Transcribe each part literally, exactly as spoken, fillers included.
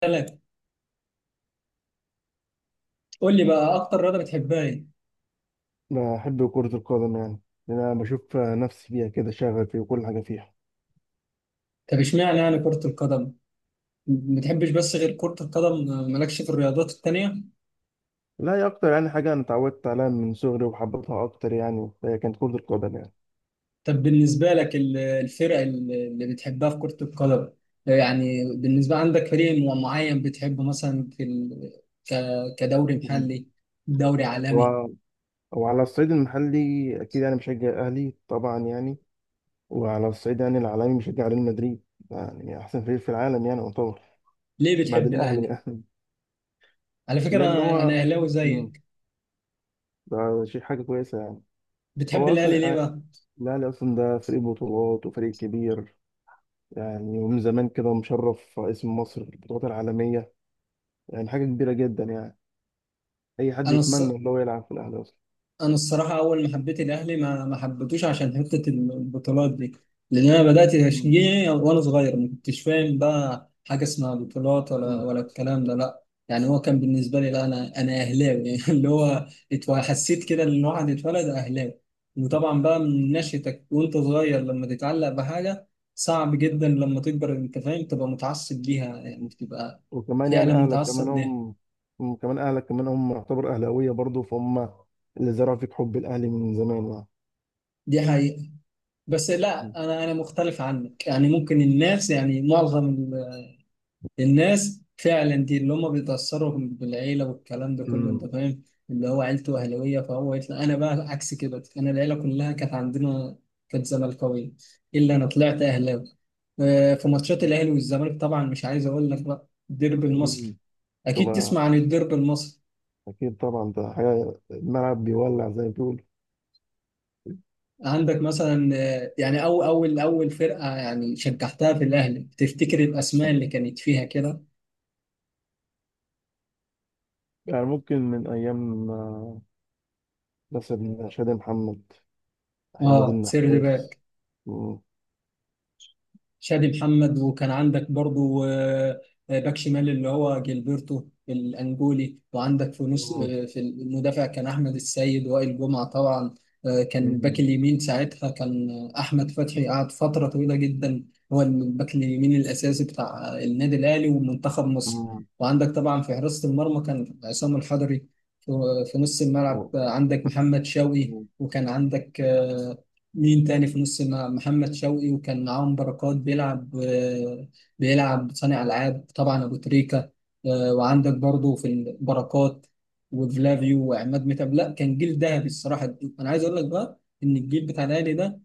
ثلاثة. قول لي بقى أكتر رياضة بتحبها إيه؟ بحب كرة القدم يعني. لأن أنا بشوف نفسي فيها كده، شغفي وكل حاجة فيها. طب إشمعنى يعني كرة القدم؟ ما بتحبش بس غير كرة القدم، مالكش في الرياضات التانية؟ لا، هي أكتر يعني حاجة أنا اتعودت عليها من صغري وحبيتها أكتر يعني، هي كانت كرة القدم يعني. طب بالنسبة لك ال- الفرق ال- اللي بتحبها في كرة القدم، يعني بالنسبة عندك فريق مع- معين بتحبه مثلا في ال... ك... كدوري مم. محلي، دوري عالمي؟ و- وعلى الصعيد المحلي، أكيد يعني بشجع أهلي طبعا يعني. وعلى الصعيد يعني العالمي بشجع ريال مدريد، يعني أحسن فريق في العالم يعني يعتبر. ليه بعد بتحب الأهلي الأهلي؟ يعني. على فكرة لأن أنا أنا هو. أهلاوي مم. زيك. ده شيء حاجة كويسة يعني. بتحب هو الأهلي ليه أصلا بقى؟ الأهلي أصلا ده فريق بطولات وفريق كبير، يعني ومن زمان كده مشرف اسم مصر في البطولات العالمية، يعني حاجة كبيرة جدا يعني. أي حد أنا يتمنى الص... إن هو يلعب في الأهلي أصلا. انا الصراحه اول ما حبيت الاهلي ما ما حبيتوش عشان حته البطولات دي، لان انا بدات مم. تشجيعي وانا صغير ما كنتش فاهم بقى حاجه اسمها بطولات ولا أمم. ولا الكلام ده، لا يعني هو كان بالنسبه لي لا انا انا اهلاوي يعني اللي هو اتو- حسيت كده ان الواحد اتولد اهلاوي. وطبعا بقى من نشأتك وانت صغير لما تتعلق بحاجه صعب جدا لما تكبر انت فاهم تبقى متعصب ليها، يعني تبقى وكمان يعني فعلا أهلك كمان متعصب ليها. هم هم كمان أهلك كمان هم يعتبر أهلاوية برضه، فهم اللي زرعوا فيك حب الأهلي من زمان يعني. دي حقيقة. بس مم. لا انا انا مختلف عنك، يعني ممكن الناس، يعني معظم ال- الناس فعلا دي اللي هم بيتاثروا بالعيله والكلام ده كله انت أمم. فاهم، اللي هو عيلته اهلاويه فهو يطلع، انا بقى عكس كده، انا العيله كلها كانت عندنا كانت زملكاويه، الا انا طلعت اهلاوي. آه، في ماتشات مم. الاهلي والزمالك طبعا مش عايز اقول لك بقى الديربي المصري، أمم. اكيد طبعا. تسمع عن الديربي المصري. أكيد طبعا ده حاجة الملعب بيولع زي ما بيقولوا. عندك مثلا آه، يعني أو أول أول فرقة يعني شجعتها في الأهلي، تفتكر الأسماء اللي كانت فيها كده؟ يعني ممكن من أيام آه، مثلا شادي محمد، حماد اه، سير النحاس. باك شادي محمد، وكان عندك برضو آه، آه، باك شمال اللي هو جilberto الانجولي، وعندك في نص مم. آه، في المدافع كان احمد السيد، وائل جمعه طبعا، آه، كان الباك مم. اليمين ساعتها كان آه، احمد فتحي، قعد فتره طويله جدا هو الباك اليمين الاساسي بتاع النادي الاهلي ومنتخب مصر. مم. وعندك طبعا في حراسه المرمى كان عصام الحضري. في آه، في نص الملعب هو آه، عندك محمد شوقي، وكان عندك آه، مين تاني في نص الملعب، محمد شوقي، وكان معاهم بركات بيلعب، آه، بيلعب صانع ألعاب، طبعا أبو تريكة، آه، وعندك برضو في البركات وفلافيو وعماد متعب. لا كان جيل ذهبي، الصراحة أنا عايز أقول لك بقى إن الجيل بتاع الأهلي ده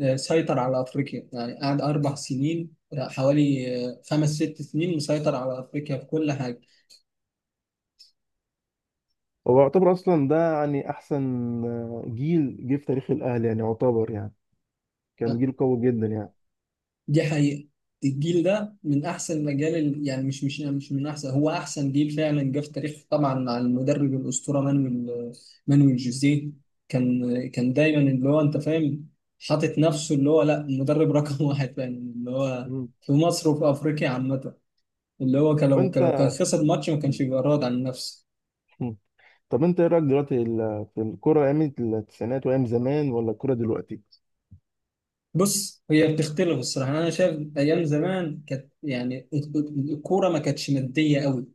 آه، سيطر على أفريقيا يعني قعد أربع سنين آه، حوالي آه، خمس ست سنين مسيطر على أفريقيا في كل حاجة. هو يعتبر اصلا ده يعني احسن آه، جيل جه في تاريخ الاهلي يعني يعتبر يعني. كان جيل قوي جدا يعني. دي حقيقة. الجيل ده من أحسن الأجيال ال- يعني مش مش مش من أحسن، هو أحسن جيل فعلا جه في تاريخ، طبعا مع المدرب الأسطورة مانويل، مانويل جوزيه. كان كان دايما اللي هو أنت فاهم حاطط نفسه اللي هو لا، المدرب رقم واحد فعلا اللي هو مم. في مصر وفي أفريقيا عامة، اللي هو كان طب لو كان انت لو كان خسر ماتش ما كانش بيبقى راضي عن نفسه. مم. طب انت ايه رايك دلوقتي ال- في الكوره ايام التسعينات وايام زمان، ولا الكوره دلوقتي؟ بص هي بتختلف الصراحه، يعني انا شايف ايام زمان كانت، يعني الكوره ما كانتش ماديه قوي،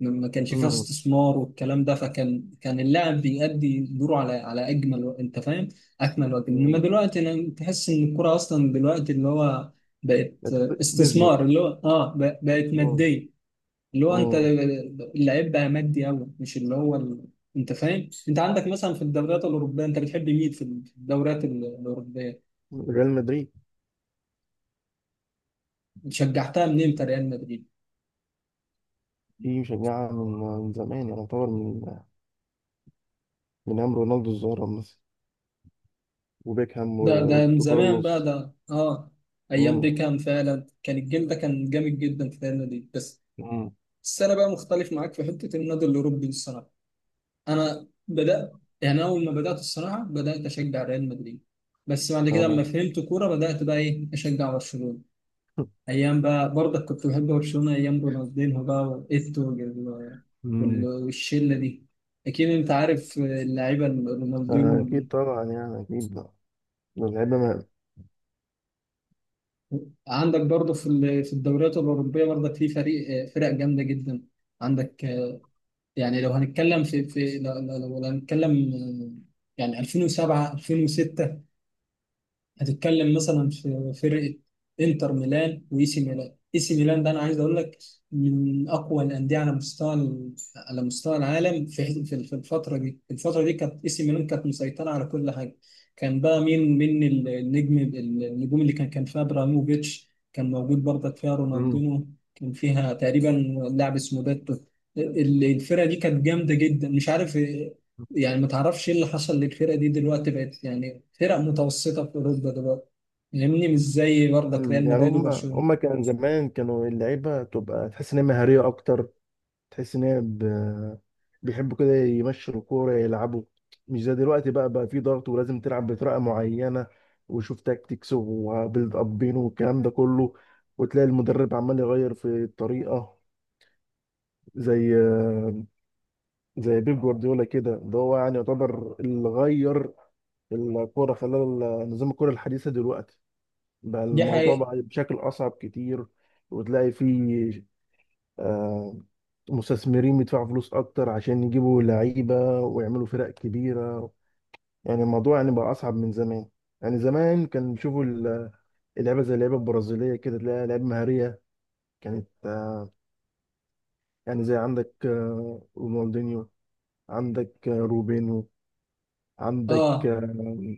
ما ما كانش فيها امم. استثمار والكلام ده، فكان كان اللاعب بيأدي دوره على على اجمل و- انت فاهم، اكمل وجه. انما دلوقتي انا تحس ان الكوره اصلا دلوقتي اللي هو بقت بيزنس. استثمار، اللي هو اه ب- بقت مم. ماديه، اللي هو انت، مم. اللعيب بقى مادي قوي، مش اللي هو ال... انت فاهم. انت عندك مثلا في الدوريات الاوروبيه انت بتحب مين في الدوريات الاوروبيه؟ ريال مدريد. شجعتها من امتى ريال مدريد؟ دي مشجعه من، من زمان يعني يعتبر، من من ايام رونالدو الظاهره مثلا، وبيكهام ده ده من وروبرتو زمان بقى كارلوس. ده. اه، ايام مم. بيكهام فعلا كان الجيل ده كان جامد جدا في ريال مدريد. بس مم. بس انا بقى مختلف معاك في حته النادي الاوروبي الصراحه. انا بدات يعني، اول ما بدات الصراحه بدات اشجع ريال مدريد، بس بعد كده لما اه. فهمت كوره بدات بقى ايه، اشجع برشلونه. ايام بقى برضك كنت بحب برشلونه ايام رونالدينho بقى وايتو وال- وال- مم. والشله دي. اكيد انت عارف اللعيبه رونالدينو. أكيد طبعا يعني أكيد ده اللعيبة ما- عندك برضه في ال- في الدوريات الأوروبية برضه في فريق فرق جامدة جدا. عندك يعني لو هنتكلم في في لو لو- لو هنتكلم يعني ألفين وسبعة، ألفين وستة، هتتكلم مثلا في فرقة انتر ميلان واي سي ميلان. اي سي ميلان ده انا عايز اقول لك من اقوى الانديه على مستوى ال- على مستوى العالم في في في الفتره دي. الفتره دي كانت اي سي ميلان كانت مسيطره على كل حاجه. كان بقى مين من النجم النجوم اللي كان كان فيها؟ ابراهيموفيتش كان موجود برضك، فيها مم. رونالدينو، كان فيها تقريبا لاعب اسمه باتو. ال- الفرقه دي كانت جامده جدا، مش عارف يعني ما تعرفش ايه اللي حصل للفرقة دي دلوقتي، بقت يعني فرق متوسطة في أوروبا دلوقتي، فاهمني؟ مش زي برضك مم. ريال يعني مدريد هم هم وبرشلونة. كان زمان كانوا اللعيبة تبقى تحس إن هي مهارية أكتر، تحس إن هي ب... بيحبوا كده يمشوا الكورة يلعبوا. مش زي دلوقتي بقى بقى في ضغط ولازم تلعب بطريقة معينة، وشوف تاكتكس وبيلد أبين والكلام ده كله. وتلاقي المدرب عمال يغير في الطريقة، زي زي بيب جوارديولا كده، ده هو يعني يعتبر اللي غير الكورة، خلال ال- نظام الكورة الحديثة دلوقتي. بقى دي الموضوع حقيقة. بقى بشكل أصعب كتير. وتلاقي فيه آه، مستثمرين بيدفعوا فلوس أكتر عشان يجيبوا لعيبة ويعملوا فرق كبيرة. يعني الموضوع يعني بقى أصعب من زمان. يعني زمان كان بيشوفوا ال- اللعيبة زي اللعيبة البرازيلية كده، تلاقي لعيبة مهارية كانت آه، يعني زي عندك آه، رونالدينيو، عندك آه، روبينو، عندك اه، آه،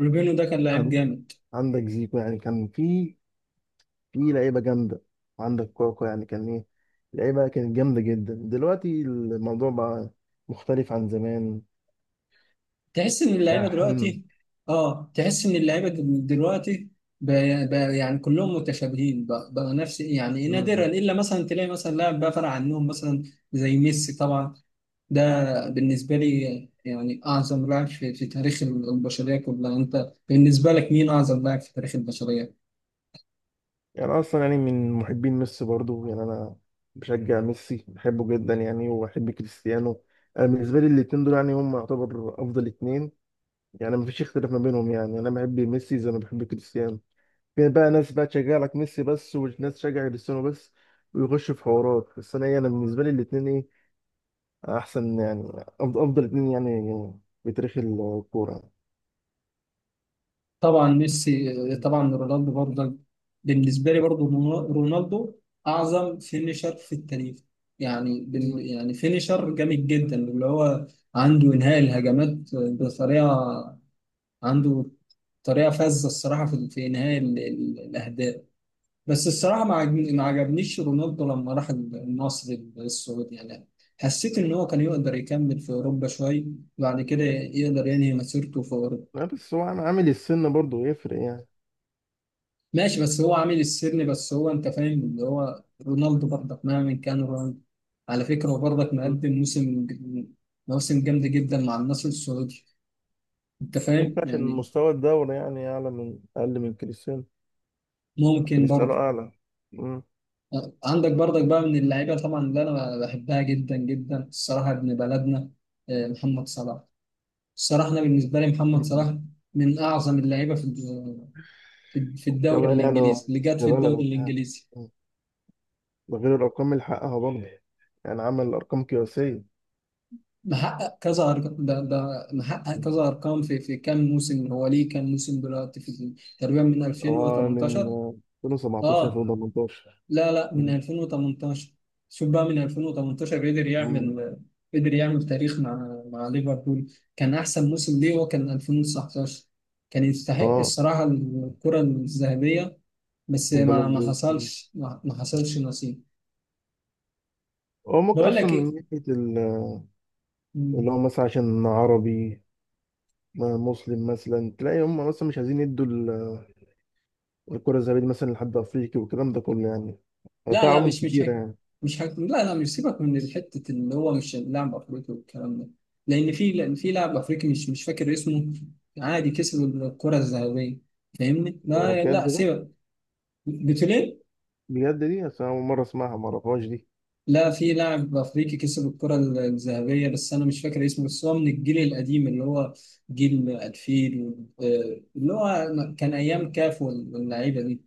روبينو ده كان لعيب عن- جامد. عندك زيكو يعني كان في في لعيبه جامده. عندك كوكو يعني كان ايه، لعيبه كانت جامده جدا. دلوقتي الموضوع بقى مختلف عن زمان. تحس إن ده اللعيبة احنا. دلوقتي، اه تحس إن اللعيبة دل- دلوقتي بقى، بقى يعني كلهم متشابهين بقى, بقى نفس يعني، نادرا مم. إلا مثلا تلاقي مثلا لاعب بقى فرق عنهم مثلا زي ميسي طبعا. ده بالنسبة لي يعني أعظم لاعب في, في تاريخ البشرية كلها. أنت بالنسبة لك مين أعظم لاعب في تاريخ البشرية؟ يعني اصلا يعني من محبين ميسي برضو يعني انا. بشجع ميسي بحبه جدا يعني، وبحب كريستيانو. انا بالنسبه لي الاتنين دول يعني هم يعتبر افضل اتنين يعني. مفيش اختلاف ما بينهم يعني. انا بحب ميسي زي ما بحب كريستيانو. في بقى ناس بقى تشجع لك ميسي بس، وناس تشجع كريستيانو بس، ويخشوا في حوارات. بس انا إيه، انا بالنسبه لي الاتنين ايه احسن يعني، أفض- افضل اتنين يعني في تاريخ الكوره. طبعا ميسي، مم. طبعا رونالدو برضه. بالنسبة لي برضه رون- رونالدو أعظم فينيشر في التاريخ. يعني مم. بال يعني فينيشر جامد جدا اللي هو عنده إنهاء الهجمات بطريقة، عنده طريقة فذة الصراحة في في إنهاء ال- ال- الأهداف. بس الصراحة ما عجبني- ما عجبنيش رونالدو لما راح النصر السعودي، يعني حسيت إن هو كان يقدر يكمل في أوروبا شوية، وبعد كده يقدر ينهي مسيرته في أوروبا. لا بس هو عم- عامل السن برضه يفرق يعني. ماشي بس هو عامل السن، بس هو أنت فاهم اللي هو رونالدو برضك مهما كان، رونالدو على فكرة هو برضك مم. مقدم موسم، موسم جامد جدا مع النصر السعودي، أنت ما فاهم ينفعش إن يعني. مستوى الدوري يعني اعلى، من اقل من كريستيانو. ممكن كريستيانو برضه. اعلى. مم. عندك برضك بقى من اللعيبة طبعا اللي أنا بحبها جدا جدا الصراحة ابن بلدنا، آه، محمد صلاح. الصراحة أنا بالنسبة لي محمد مم. صلاح من أعظم اللعيبة في في في الدوري كمان يعني هو الإنجليزي، اللي جات ابن في الدوري بلدك يعني. الإنجليزي. مم. ده غير الارقام اللي حققها برضه، يعني عمل ارقام قياسيه. محقق كذا أرقام، ده ده محقق مم. كذا أرقام في في كام موسم، هو ليه كام موسم دلوقتي في؟ تقريبا من هو من ألفين وتمنتاشر. ألفين وسبعتاشر آه، ألفين وتمنطاشر. لا لا من ألفين وتمنتاشر، شوف بقى من ألفين وتمنتاشر قدر مم. يعمل، قدر يعمل تاريخ مع مع ليفربول. كان أحسن موسم ليه هو كان ألفين وتسعتاشر، كان يستحق اه. الصراحة الكرة الذهبية، بس ما البالون ما دور. مم. حصلش، ما, ما حصلش نصيب. هو ممكن بقول اصلا لك ايه. من ناحيه، مم. اللي هو مثلا عشان عربي ما- مسلم مثلا، تلاقي هم مثلا مش عايزين يدوا ال- الكرة الذهبية دي مثلا لحد أفريقي والكلام ده كله يعني. يعني في لا لا عوامل مش مش كتيرة هيك، يعني. مش هيك، لا لا مش، سيبك من حته اللي هو مش لاعب افريقي والكلام ده، لان في لان في لاعب افريقي مش مش فاكر اسمه، عادي كسب الكره الذهبيه، فاهمني. لا بجد لا ده سيبك، قلت ليه. بجد دي أصل، أنا أول مرة أسمعها، ما أعرفهاش دي. لا في لاعب افريقي كسب الكره الذهبيه بس انا مش فاكر اسمه، بس هو من الجيل القديم اللي هو جيل ألفين، آه، اللي هو كان ايام كاف واللعيبه دي.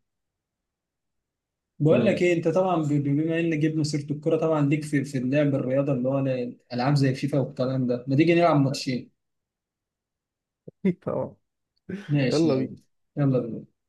بقول لك أمم. ايه، انت طبعا ب- ب- بما ان جبنا سيره الكوره طبعا ليك في في اللعب، الرياضه اللي هو العاب زي فيفا والكلام ده، ما تيجي نلعب ماتشين؟ طبعا. ماشي يلا يلا. بينا. يلا بينا.